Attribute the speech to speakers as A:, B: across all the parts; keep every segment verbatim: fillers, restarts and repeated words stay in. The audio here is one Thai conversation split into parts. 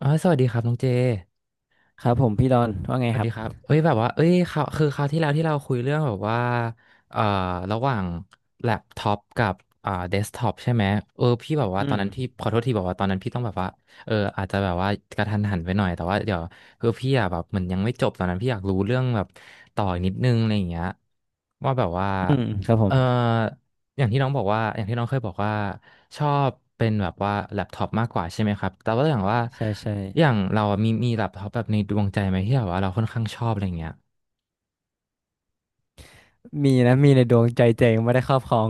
A: ออสวัสดีครับน้องเจ
B: ครับผมพี่ดอนว่าไง
A: สวัส
B: ครั
A: ดี
B: บ
A: ครับเอ้ยแบบว่าเอ้ยคราวคือคราวที่แล้วที่เราคุยเรื่องแบบว่าเอ่อระหว่างแล็ปท็อปกับอ่าเดสก์ท็อปใช่ไหมเออพี่แบบ
B: อื
A: ว่าตอน
B: ม
A: นั้นพี่ขอโทษทีบอกว่าตอนนั้นพี่ต้องแบบว่าเอออาจจะแบบว่ากระทันหันไปหน่อยแต่ว่าเดี๋ยวคือพี่อะแบบเหมือนยังไม่จบตอนนั้นพี่อยากรู้เรื่องแบบต่ออีกนิดนึงอะไรอย่างเงี้ยว่าแบบว่า
B: อืมครับผ
A: เออ
B: ม
A: อย่างที่น้องบอกว่าอย่างที่น้องเคยบอกว่าชอบเป็นแบบว่าแล็ปท็อปมากกว่าใช่ไหมครับแต่ว่าอย่างว่า
B: ใช่ใช่
A: อย่างเราอะมีมีแบบท็อปแบบในดวงใจไหมที่แบบว่าเราค่อนข้างชอบอะไรเงี้ย
B: มีนะมีในดวงใจเจงไม่ได้ครอบครอง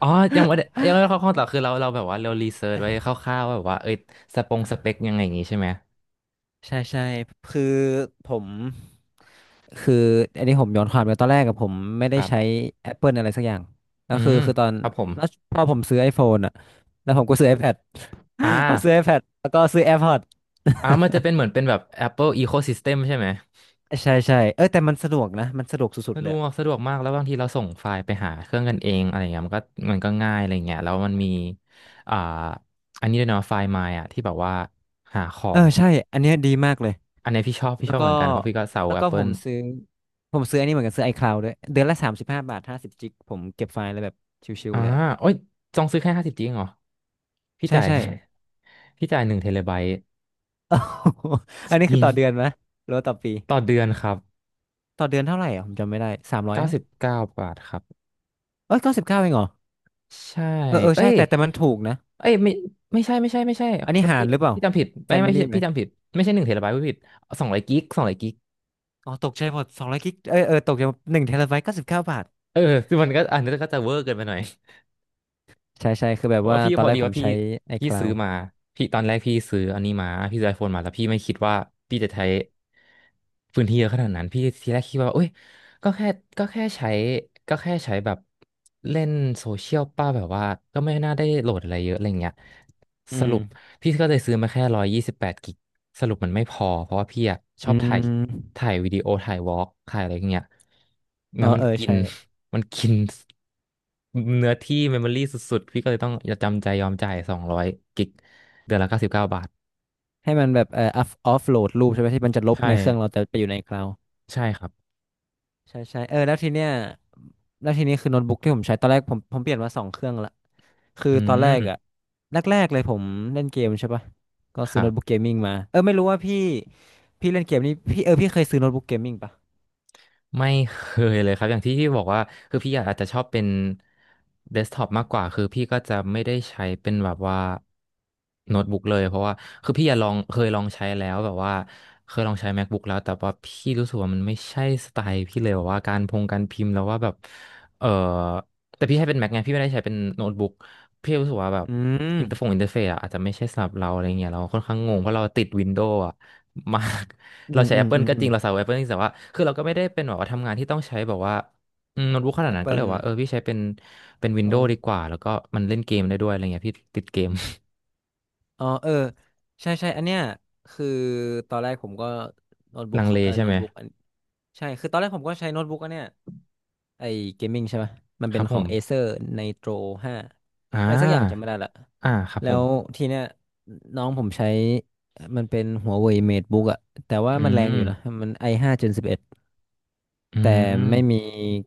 A: อ๋อยังไม่ได้ยังไม่ได้เข้าข้อต่อคือเราเราแบบว่าเรารีเสิร์ชไว้คร่าวๆว่าแบบว่าเอ้ยสปงสเปคยังไงอย่างงี้ใช่ไหม
B: ใช่ใช่คือผมคืออันนี้ผมย้อนความไปตอนแรกกับผมไม่
A: ค
B: ได้
A: รั
B: ใช้
A: บ
B: Apple อะไรสักอย่างแล้
A: อื
B: วคือ
A: ม
B: คือตอน
A: ครับผม
B: แล้วพอผมซื้อ iPhone อ่ะแล้วผมก็ซื้อ iPad
A: อ่า
B: พอซื้อ iPad แล้วก็ซื้อ AirPods
A: อ่ามันจะเป็นเหมือนเป็นแบบ Apple Ecosystem ใช่ไหม
B: ใช่ใช่เออแต่มันสะดวกนะมันสะดวกสุด
A: สะ
B: ๆ
A: ด
B: เลย
A: วกสะดวกมากแล้วบางทีเราส่งไฟล์ไปหาเครื่องกันเองอะไรเงี้ยมันก็มันก็ง่ายอะไรเงี้ยแล้วมันมีอ่าอันนี้ด้วยเนาะไฟล์ My อ่ะที่แบบว่าหาขอ
B: เออ
A: ง
B: ใช่อันเนี้ยดีมากเลย
A: อันนี้พี่ชอบพี่
B: แล้
A: ช
B: ว
A: อบ
B: ก็
A: เหมือนกันเพราะพี่ก็สาว
B: แล้วก็ผม
A: Apple
B: ซื้อผมซื้ออันนี้เหมือนกันซื้อ iCloud ด้วยเดือนละสามสิบห้าบาทห้าสิบจิกผมเก็บไฟล์เลยแบบชิว
A: อ่า
B: ๆเลยอะ
A: โอ้ยจองซื้อแค่ห้าสิบจริงเหรอพี่
B: ใช่
A: จ่าย
B: ใช่
A: พี่จ่ายหนึ่งเทเลไบต์
B: อันนี้คือต่อเดือน
A: อ
B: ไหมหรือว่าต่อปี
A: ต่อเดือนครับ
B: ต่อเดือนเท่าไหร่อ่ะผมจำไม่ได้สามร้อย
A: เก้าสิบเก้าบาทครับ
B: เอ้ยเก้าสิบเก้าเองเหรอ
A: ใช่
B: เออเออ
A: เอ้
B: ใช่
A: ย
B: แต่แต่มันถูกนะ
A: เอ้ยไม่ไม่ใช่ไม่ใช่ไม่ใช่
B: อั
A: ข
B: น
A: อ
B: นี้
A: โทษ
B: หา
A: ที
B: รหรือเปล่า
A: พี่จำผิดไม่ไม่
B: Family
A: พี่
B: ไหม
A: พี่จำผิดไม่ใช่หนึ่งเทเลไบต์พี่ผิดสองร้อยกิกสองร้อยกิก
B: อ๋อตกใจหมดสองร้อยกิกเออเออตกใจหมดหนึ่งเทราไบต์เก้าสิบเก้าบาท
A: เออคือมันก็อันนี้ก็จะเวอร์เกินไปหน่อย
B: ใช่ใช่คือแบ
A: เพ
B: บ
A: ราะ
B: ว่า
A: ว่าพี่
B: ตอ
A: พ
B: น
A: อ
B: แรก
A: ดี
B: ผ
A: ว่า
B: ม
A: พี่
B: ใช้
A: พี่ซื้อ
B: iCloud
A: มาพี่ตอนแรกพี่ซื้ออันนี้มาพี่ซื้อไอโฟนมาแล้วพี่ไม่คิดว่าพี่จะใช้พื้นที่เยอะขนาดนั้นพี่ทีแรกคิดว่าเอ้ย ก็แค่ก็แค่ใช้ก็แค่ใช้แบบเล่นโซเชียลป้าแบบว่าก็ไม่น่าได้โหลดอะไรเยอะอะไรเงี้ย
B: อื
A: ส
B: ม
A: รุปพี่ก็เลยซื้อมาแค่ร้อยยี่สิบแปดกิกสรุปมันไม่พอเพราะว่าพี่อะช
B: อื
A: อบถ่าย
B: ม
A: ถ่ายวิดีโอถ่ายวอล์กถ่ายอะไรเงี้ย
B: เออ
A: งั้นมั
B: เอ
A: น
B: อ
A: กิน
B: ใช่
A: มันกินเนื้อที่เมมโมรี่สุดๆพี่ก็เลยต้องจำใจยอมจ่ายสองร้อยกิกเดือนละเก้าสิบเก้าบาท
B: ให้มันแบบเอ่อออฟโหลดรูปใช่ไหมที่มันจะลบ
A: ใช่
B: ในเครื่องเราแต่ไปอยู่ในคลาวด์
A: ใช่ครับ
B: ใช่ใช่เออแล้วทีเนี้ยแล้วทีนี้คือโน้ตบุ๊กที่ผมใช้ตอนแรกผมผมเปลี่ยนมาสองเครื่องละคือ
A: อื
B: ตอนแรก
A: ม
B: อะแรกๆเลยผมเล่นเกมใช่ปะก็
A: ค
B: ซื้อ
A: รั
B: โน้
A: บ
B: ตบุ๊กเกมมิ่งมาเออไม่รู้ว่าพี่พี่เล่นเกมนี้พี่เออพี่เคยซื้อโน้ตบุ๊กเกมมิ่งปะ
A: ไม่เคยเลยครับอย่างที่พี่บอกว่าคือพี่อาจจะชอบเป็นเดสก์ท็อปมากกว่าคือพี่ก็จะไม่ได้ใช้เป็นแบบว่าโน้ตบุ๊กเลยเพราะว่าคือพี่อะลองเคยลองใช้แล้วแบบว่าเคยลองใช้ MacBook แล้วแต่ว่าพี่รู้สึกว่ามันไม่ใช่สไตล์พี่เลยแบบว่าการพงการพิมพ์แล้วว่าแบบเออแต่พี่ใช้เป็น Mac ไงพี่ไม่ได้ใช้เป็นโน้ตบุ๊กพี่รู้สึกว่าแบบ
B: อืม
A: อินเตอร์ฟงอินเตอร์เฟซอะอาจจะไม่ใช่สำหรับเราอะไรเงี้ยเราค่อนข้างงงเพราะเราติดวินโดว์อะมาก
B: อื
A: เรา
B: ม
A: ใช้
B: อืมอื
A: Apple
B: ม
A: ก็
B: อื
A: จริ
B: ม
A: งเราใช้ Apple จริงแต่ว่าคือเราก็ไม่ได้เป็นแบบว่าทำงานที่ต้องใช้แบบว่าอืมโน้ตบุ๊กขนาด
B: แอป
A: นั้นก็
B: เปิ
A: เลย
B: ล
A: บอกว่าเออพี่ใช้เป็นเป็น
B: อ๋อ
A: Windows ดีกว่าแล้วก็มันเล่นเกมได้ด้วยอะไรเงี้ยพี่ติดเกม
B: อ๋อเออใช่ใช่อันเนี้ยคือตอนแรกผมก็โน้ต บุ๊
A: ลั
B: ก
A: งเล
B: เออ
A: ใช่
B: โน้
A: ไห
B: ต
A: ม
B: บุ๊กอันใช่คือตอนแรกผมก็ใช้โน้ตบุ๊กอันเนี้ย ไอเกมมิ่งใช่ไหมมัน
A: ค
B: เป็
A: รั
B: น
A: บ
B: ข
A: ผ
B: อง
A: ม
B: Acer Nitro ห้า
A: อ่
B: อะไรสักอย่างจำ
A: า
B: ไม่ได้ละ
A: อ่าครับ
B: แล้
A: ผม
B: วทีเนี้ยน้องผมใช้มันเป็น Huawei MateBook อะแต่ว่า
A: อื
B: มันแรงอ
A: ม
B: ยู่นะมัน ไอ ไฟว์ Gen สิบเอ็ด
A: อื
B: แต่
A: ม
B: ไม่มี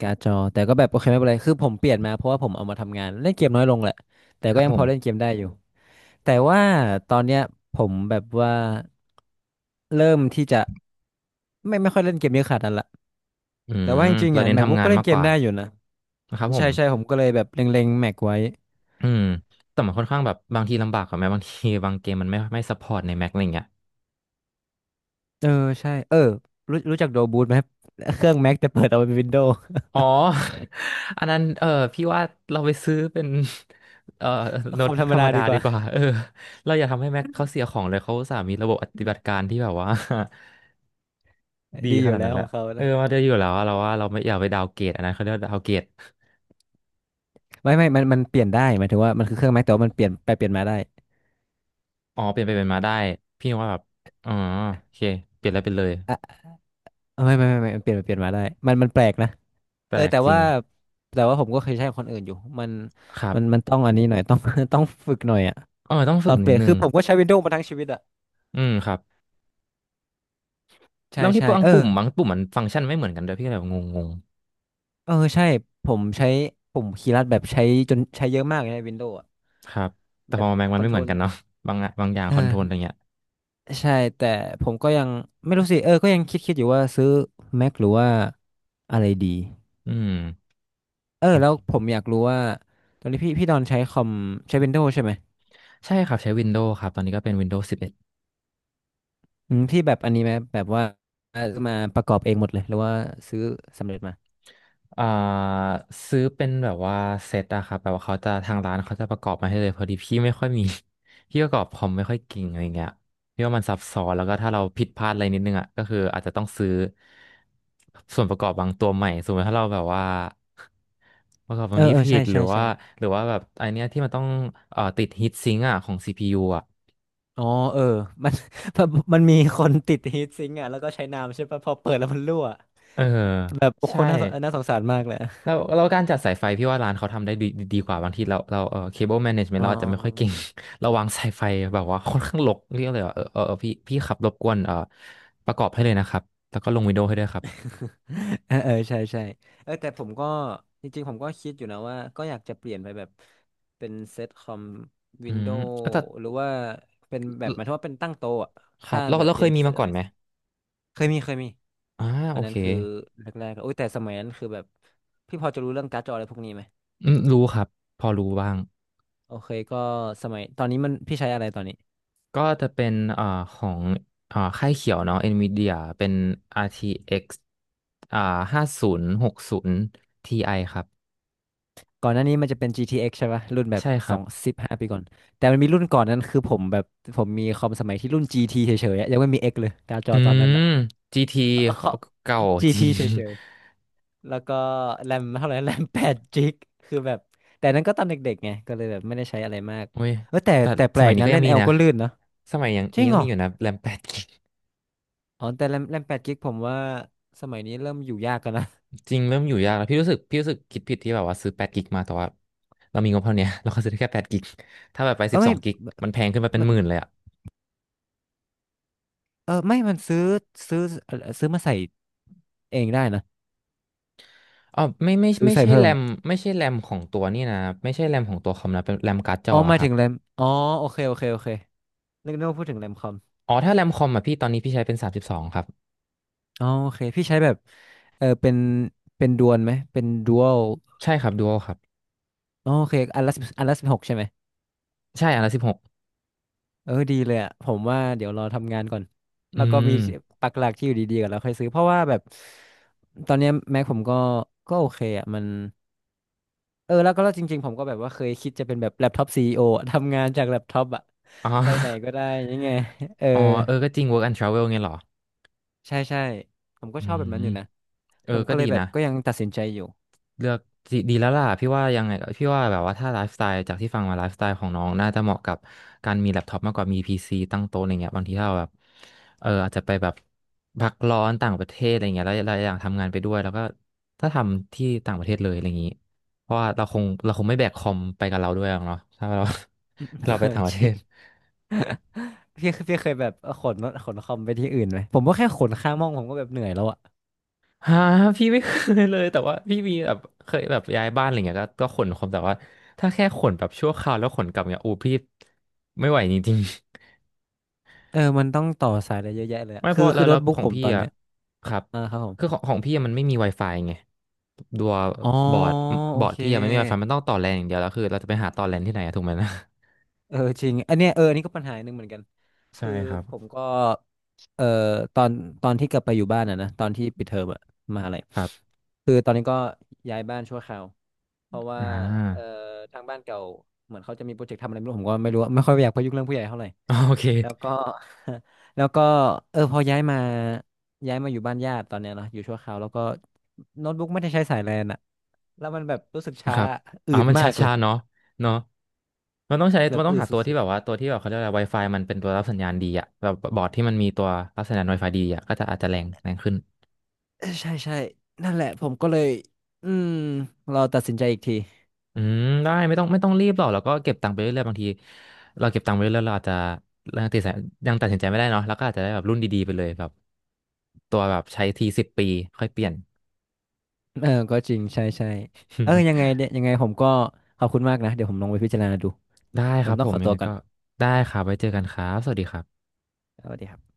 B: การ์ดจอแต่ก็แบบโอเคไม่เป็นไรคือผมเปลี่ยนมาเพราะว่าผมเอามาทำงานเล่นเกมน้อยลงแหละแต่
A: ค
B: ก็
A: รับ
B: ยั
A: ผ
B: งพ
A: ม
B: อเล่นเกมได้อยู่แต่ว่าตอนเนี้ยผมแบบว่าเริ่มที่จะไม่ไม่ค่อยเล่นเกมเยอะขนาดนั้นละ
A: อื
B: แต่
A: ม
B: ว่าจริงๆ
A: เรา
B: อ่ะ
A: เน้นทำ
B: MacBook
A: งาน
B: ก็เล่น
A: มาก
B: เก
A: ก
B: ม
A: ว่า
B: ได้อยู่นะ
A: นะครับผ
B: ใช่
A: ม
B: ใช่ผมก็เลยแบบเล็งๆแม็กไว้
A: อืมแต่มันค่อนข้างแบบบางทีลำบากกว่าไหมบางทีบางเกมมันไม่ไม่ซัพพอร์ตใน Mac อะไรเงี้ย
B: เออใช่เออรู้รู้จักโดบูทไหมครับเครื่องแม็กแต่เปิดเอาเป็นวินโดว์
A: อ๋อ อันนั้นเออพี่ว่าเราไปซื้อเป็น เอ่อ โน้
B: ค
A: ต
B: อมธ
A: บุ๊
B: ร
A: ก
B: รม
A: ธรร
B: ดา
A: มดา
B: ดีก
A: ดี
B: ว่า
A: กว่าเออเราอย่าทำให้แม็กเขาเสียของเลยเขาอุตสาห์มีระบบปฏิบัติการที่แบบว่า ดี
B: ดี
A: ข
B: อยู่
A: นาด
B: แล้
A: นั้
B: ว
A: นแห
B: ข
A: ละ
B: องเขา
A: เออ
B: นะ
A: มาได้อยู่แล้วอะเราว่าเราไม่อยากไปดาวน์เกรดอันนั้นเขาเรียกว่าดาวน์เกรด
B: ไม่ไม่มันมันเปลี่ยนได้หมายถึงว่ามันคือเครื่องแม็กแต่ว่ามันเปลี่ยนไปเปลี่ยนมาได้
A: อ๋อเปลี่ยนไปเป็นมาได้พี่ว่าแบบอ๋อโอเคเปลี่ยนแล้วเป็นเลย
B: อ่ะไม่ไม่ไม่ไม่มันเปลี่ยนไปเปลี่ยนมาได้มันมันแปลกนะ
A: แป
B: เอ
A: ล
B: อ
A: ก
B: แต่
A: จริ
B: ว่า
A: ง
B: แต่ว่าผมก็เคยใช้ของคนอื่นอยู่มัน
A: ครับ
B: มันมันต้องอันนี้หน่อยต้อง ต้องฝึกหน่อยอ่ะ
A: เออต้อง
B: ต
A: ฝึ
B: อ
A: ก
B: นเป
A: นิ
B: ลี่
A: ด
B: ยน
A: นึ
B: คื
A: ง
B: อผมก็ใช้วินโดว์มาทั้งชีวิตอ่ะ
A: อืมครับ
B: ใช่
A: แล้วที่
B: ใช่
A: บาง
B: เออ
A: ปุ่มบางปุ่มมันฟังก์ชันไม่เหมือนกันด้วยพี่ก็เลยแบบงง
B: เออใช่ผมใช้ผมคีย์ลัดแบบใช้จนใช้เยอะมากเลยในวินโดว์
A: ๆครับแต่
B: แบ
A: พ
B: บ
A: อแม็ก
B: ค
A: มัน
B: อน
A: ไม่
B: โท
A: เห
B: ร
A: มือน
B: ล
A: กันเนาะบางอะบางอย่าง
B: เอ
A: คอนโทรลอะไร
B: อ
A: เงี้ย
B: ใช่แต่ผมก็ยังไม่รู้สิเออก็ยังคิดคิดอยู่ว่าซื้อ Mac หรือว่าอะไรดี
A: อืม
B: เออ
A: โอ
B: แล้วผ
A: เค
B: มอยากรู้ว่าตอนนี้พี่พี่ดอนใช้คอมใช้ Windows ใช่ไหม
A: ใช่ครับใช้ Windows ครับตอนนี้ก็เป็น Windows สิบเอ็ดอ
B: อืมที่แบบอันนี้ไหมแบบว่าเอ่อมาประกอบเองหมดเลยหรือว่าซื้อสำเร็จมา
A: ดอ่าซื้อเป็นแบบว่าเซตอะครับแบบว่าเขาจะทางร้านเขาจะประกอบมาให้เลยพอดีพี่ไม่ค่อยมี พี่ประกอบคอมไม่ค่อยเก่งอะไรเงี้ยพี่ว่ามันซับซ้อนแล้วก็ถ้าเราผิดพลาดอะไรนิดนึงอะก็คืออาจจะต้องซื้อส่วนประกอบบางตัวใหม่สมมติถ้าเราแบบว่า ประกอบบา
B: เอ
A: ง
B: อ
A: นี้
B: เออ
A: ผิ
B: ใช่
A: ดหรื
B: ใช่
A: อ
B: ใช่
A: ว่าหรือว่าแบบไอเนี้ยที่มันต้องเอ่อติดฮีทซิงค์อะของซีพียูอะ
B: อ๋อเออมัน มันมีคนติดฮีทซิงค์อ่ะแล้วก็ใช้น้ำใช่ปะพอเปิดแล้วมันรั่ว
A: เออ
B: แบบโอ้โค
A: ใช่
B: นน่าสงน่าสงสารมากเลยอะ
A: แล้วแล้วการจัดสายไฟพี่ว่าร้านเขาทำได้ดีดีกว่าบางทีเราเราเออเคเบิลแมเนจเมนต์
B: อ๋
A: เรา
B: อ
A: อาจจะไม่ค่อยเก่ง เราวางสายไฟแบบว่าค่อนข้างรกเรียกเลยว่าเออเออเออพี่พี่ขับรบกวนเออประกอบให้เลยนะครับแล้วก็ลงวินโดว์ให้ด้วยครับ
B: เออเออใช่ใช่เออแต่ผมก็จริงๆผมก็คิดอยู่นะว่าก็อยากจะเปลี่ยนไปแบบเป็นเซตคอม
A: อื
B: วินโด
A: ม
B: ว์
A: แล้วแต่
B: หรือว่าเป็นแบบหมายถึงว่าเป็นตั้งโต๊ะอะ
A: ครั
B: ถ้า
A: บเรา
B: แบบ
A: เราเค
B: เรีย
A: ย
B: น
A: มี
B: เซต
A: มาก่
B: อะ
A: อน
B: ไร
A: ไหม
B: เสร็จเคยมีเคยมี
A: อ่าโอ
B: อันนั้
A: เค
B: นคือแรกๆโอ้ยแต่สมัยนั้นคือแบบพี่พอจะรู้เรื่องการ์ดจออะไรพวกนี้ไหม
A: อืมรู้ครับพอรู้บ้าง
B: โอเคก็สมัยตอนนี้มันพี่ใช้อะไรตอนนี้
A: ก็จะเป็นเอ่อของเอ่อค่ายเขียวเนาะ Nvidia เป็น อาร์ ที เอ็กซ์ อกซ์อ่าห้าศูนย์หกศูนย์ Ti ครับ
B: ก่อนหน้านี้มันจะเป็น จี ที เอ็กซ์ ใช่ป่ะรุ่นแบบ
A: ใช่ค
B: ส
A: รั
B: อ
A: บ
B: งสิบห้าปีก่อนแต่มันมีรุ่นก่อนนั้นคือผมแบบผมมีคอมสมัยที่รุ่น จี ที เฉยๆอะยังไม่มี X เลยการ์ดจอ
A: อื
B: ตอนนั้น
A: ม
B: อะ
A: จี ที
B: เออข
A: เขา
B: อ
A: เก่า จริ
B: จี ที
A: ง
B: เฉยๆแล้วก็แรมเท่าไหร่ แรมแปดจิกคือแบบแต่นั้นก็ตอนเด็กๆไงก็เลยแบบไม่ได้ใช้อะไรมาก
A: โอ้ย
B: เออแต่
A: แต่
B: แต่แป
A: ส
B: ล
A: มั
B: ก
A: ยนี้
B: นะ
A: ก็ยั
B: เล่
A: ง
B: น
A: มี
B: L
A: นะ
B: ก็ลื่นเนาะ
A: สมัยยัง
B: จริ
A: นี้
B: ง
A: ยัง
B: เหรอ
A: มีอยู่นะแรมแปดกิก
B: อ๋อแต่แรมแรมแปดจิกผมว่าสมัยนี้เริ่มอยู่ยากกันนะ
A: จริงเริ่มอยู่ยากแล้วพี่รู้สึกพี่รู้สึกคิดผิดที่แบบว่าซื้อแปดกิกมาแต่ว่าเรามีงบเท่าเนี้ย เราก็ซื้อได้แค่แปดกิกถ้าแบบไป
B: เอ
A: สิ
B: อ
A: บส
B: ไม่
A: องกิกมันแพงขึ้นมาเป็น
B: มั
A: ห
B: น
A: มื่นเลยอ่ะ
B: เออไม่มันซื้อซื้อซื้อมาใส่เองได้นะ
A: อ๋อไม่ไม่
B: ซื้อ
A: ไม่
B: ใส่
A: ใช่
B: เพิ่
A: แร
B: ม
A: มไม่ใช่แรมของตัวนี่นะไม่ใช่แรมของตัวคอมนะเป็นแรมการ์ดจ
B: อ๋
A: อ
B: อห
A: อะ
B: มาย
A: ครั
B: ถึ
A: บ
B: งแรมอ๋อโอเคโอเคโอเคนึกนึกว่าพูดถึงแรมคอม
A: อ๋อถ้าแรมคอมอ่ะพี่ตอนนี้พี่ใช้เป็นสามสิบสองครับ
B: อ๋อโอเคพี่ใช้แบบเออเป็นเป็นดวนไหมเป็นดวล
A: ใช่ครับดูโอครับ
B: อ๋อโอเคอันละอันละสิบหกใช่ไหม
A: ใช่อันละสิบหก
B: เออดีเลยอ่ะผมว่าเดี๋ยวรอทำงานก่อน
A: อื
B: แล้วก็มี
A: ม
B: ปักหลักที่อยู่ดีๆก่อนแล้วค่อยซื้อเพราะว่าแบบตอนเนี้แม็ผมก็ก็โอเคอ่ะมันเออแล้วก็แล้วจริงๆผมก็แบบว่าเคยคิดจะเป็นแบบแล็ปท็อปซีอีโอ ทำงานจากแล็ปท็อปอ่ะ
A: อ๋อ
B: ไปไหนก็ได้ยังไงเออ
A: อ๋อเออก็จริง work and travel ไงเหรอ
B: ใช่ใช่ผมก็
A: อื
B: ชอบแบบ
A: ม
B: นั้นอยู่นะ
A: เออ
B: ผม
A: ก็
B: ก็เล
A: ดี
B: ยแบบ
A: นะ
B: ก็ยังตัดสินใจอยู่
A: เลือกดีดีแล้วล่ะพี่ว่ายังไงพี่ว่าแบบว่าถ้าไลฟ์สไตล์จากที่ฟังมาไลฟ์สไตล์ของน้องน่าจะเหมาะกับการมีแล็ปท็อปมากกว่ามีพีซีตั้งโต๊ะอะไรเงี้ยบางทีถ้าเราแบบเอออาจจะไปแบบพักร้อนต่างประเทศอะไรเงี้ยแล้วเราอยากทำงานไปด้วยแล้วก็ถ้าทำที่ต่างประเทศเลยอะไรอย่างนี้เพราะว่าเราคงเราคงไม่แบกคอมไปกับเราด้วยหรอกเนาะถ้าเรา ถ้า
B: เอ
A: เราไป
B: อ
A: ต่างประ
B: จ
A: เท
B: ริ
A: ศ
B: งพี่พี่เคยแบบเออขนขนคอมไปที่อื่นไหมผมก็แค่ขนข้างห้องผมก็แบบเหนื่อยแล้วอะ
A: ฮะพี่ไม่เคยเลยแต่ว่าพี่มีแบบเคยแบบย้ายบ้านอะไรเงี้ยก็ก็ขนของแต่ว่าถ้าแค่ขนแบบชั่วคราวแล้วขนกลับเงี้ยอูพี่ไม่ไหวจริง
B: เออมันต้องต่อสายอะไรเยอะแยะเลย
A: ๆ
B: อะ
A: ไม่เพ
B: คือ
A: ราะแล้
B: คื
A: ว
B: อโน้
A: แล้ว
B: ตบุ๊
A: ข
B: ก
A: อง
B: ผม
A: พี่
B: ตอน
A: อ่ะ
B: เนี้ย
A: ครับ
B: อ่าครับผม
A: คือของของพี่อะมันไม่มี Wi-Fi ไงตัว
B: อ๋อ
A: บอร์ด
B: โอ
A: บอร์ด
B: เค
A: พี่อะไม่มี Wi-Fi มันต้องต่อแลนอย่างเดียวแล้วคือเราจะไปหาต่อแลนที่ไหนอะถูกไหมนะ
B: เออจริงอันเนี้ยเอออันนี้ก็ปัญหาหนึ่งเหมือนกัน
A: ใช่
B: คือ
A: ครับ
B: ผมก็เอ่อตอนตอนที่กลับไปอยู่บ้านอ่ะนะตอนที่ปิดเทอมอะมหาอะไร
A: ครับ
B: คือตอนนี้ก็ย้ายบ้านชั่วคราวเพราะว่า
A: อ่
B: เอ่อ
A: า
B: ทางบ้านเก่าเหมือนเขาจะมีโปรเจกต์ทำอะไรไม่รู้ผมก็ไม่รู้อะไม่ค่อยอยากไปยุ่งเรื่องผู้ใหญ่เท่าไหร่
A: โอเค
B: แล้วก็ แล้วก็เออพอย้ายมาย้ายมาอยู่บ้านญาติตอนเนี้ยเนาะอยู่ชั่วคราวแล้วก็โน้ตบุ๊กไม่ได้ใช้สายแลนอะแล้วมันแบบรู้สึกช้า
A: ครับ
B: อื
A: อ๋อ
B: ด
A: มันช
B: มากเลย
A: ้าๆเนาะเนาะมันต้องใช้
B: แบ
A: มั
B: บ
A: นต้อ
B: อื
A: ง
B: ด
A: หา
B: สุ
A: ตัวที่
B: ด
A: แบบว่าตัวที่แบบเขาเรียกอะไร Wi-Fi มันเป็นตัวรับสัญญาณดีอะแบบบอร์ดที่มันมีตัวรับสัญญาณ Wi-Fi ดีอะก็จะอาจจะแรงแรงขึ้น
B: ๆเออใช่ใช่นั่นแหละผมก็เลยอืมรอตัดสินใจอีกที
A: อืมได้ไม่ต้องไม่ต้องรีบหรอกแล้วก็เก็บตังค์ไปเรื่อยๆบางทีเราเก็บตังค์ไปเรื่อยๆเราอาจจะยังตัดสินยังตัดสินใจไม่ได้เนาะแล้วก็อาจจะได้แบบรุ่นดีๆไปเลยแบบตัวแบบใช้ทีสิบปีค่อยเปลี่ยน
B: เออก็จริงใช่ใช่เออยังไง เนี่ยยังไงผมก็ขอบคุณมากนะเดี๋ยวผมลองไปพิจารณาดู
A: ได้
B: เดี๋
A: ค
B: ยวผ
A: รั
B: ม
A: บ
B: ต้
A: ผ
B: องข
A: ม
B: อ
A: ยั
B: ตั
A: ง
B: ว
A: ไง
B: ก่อน
A: ก็ได้ครับไว้เจอกันครับสวัสดีครับ
B: สวัสดีครับ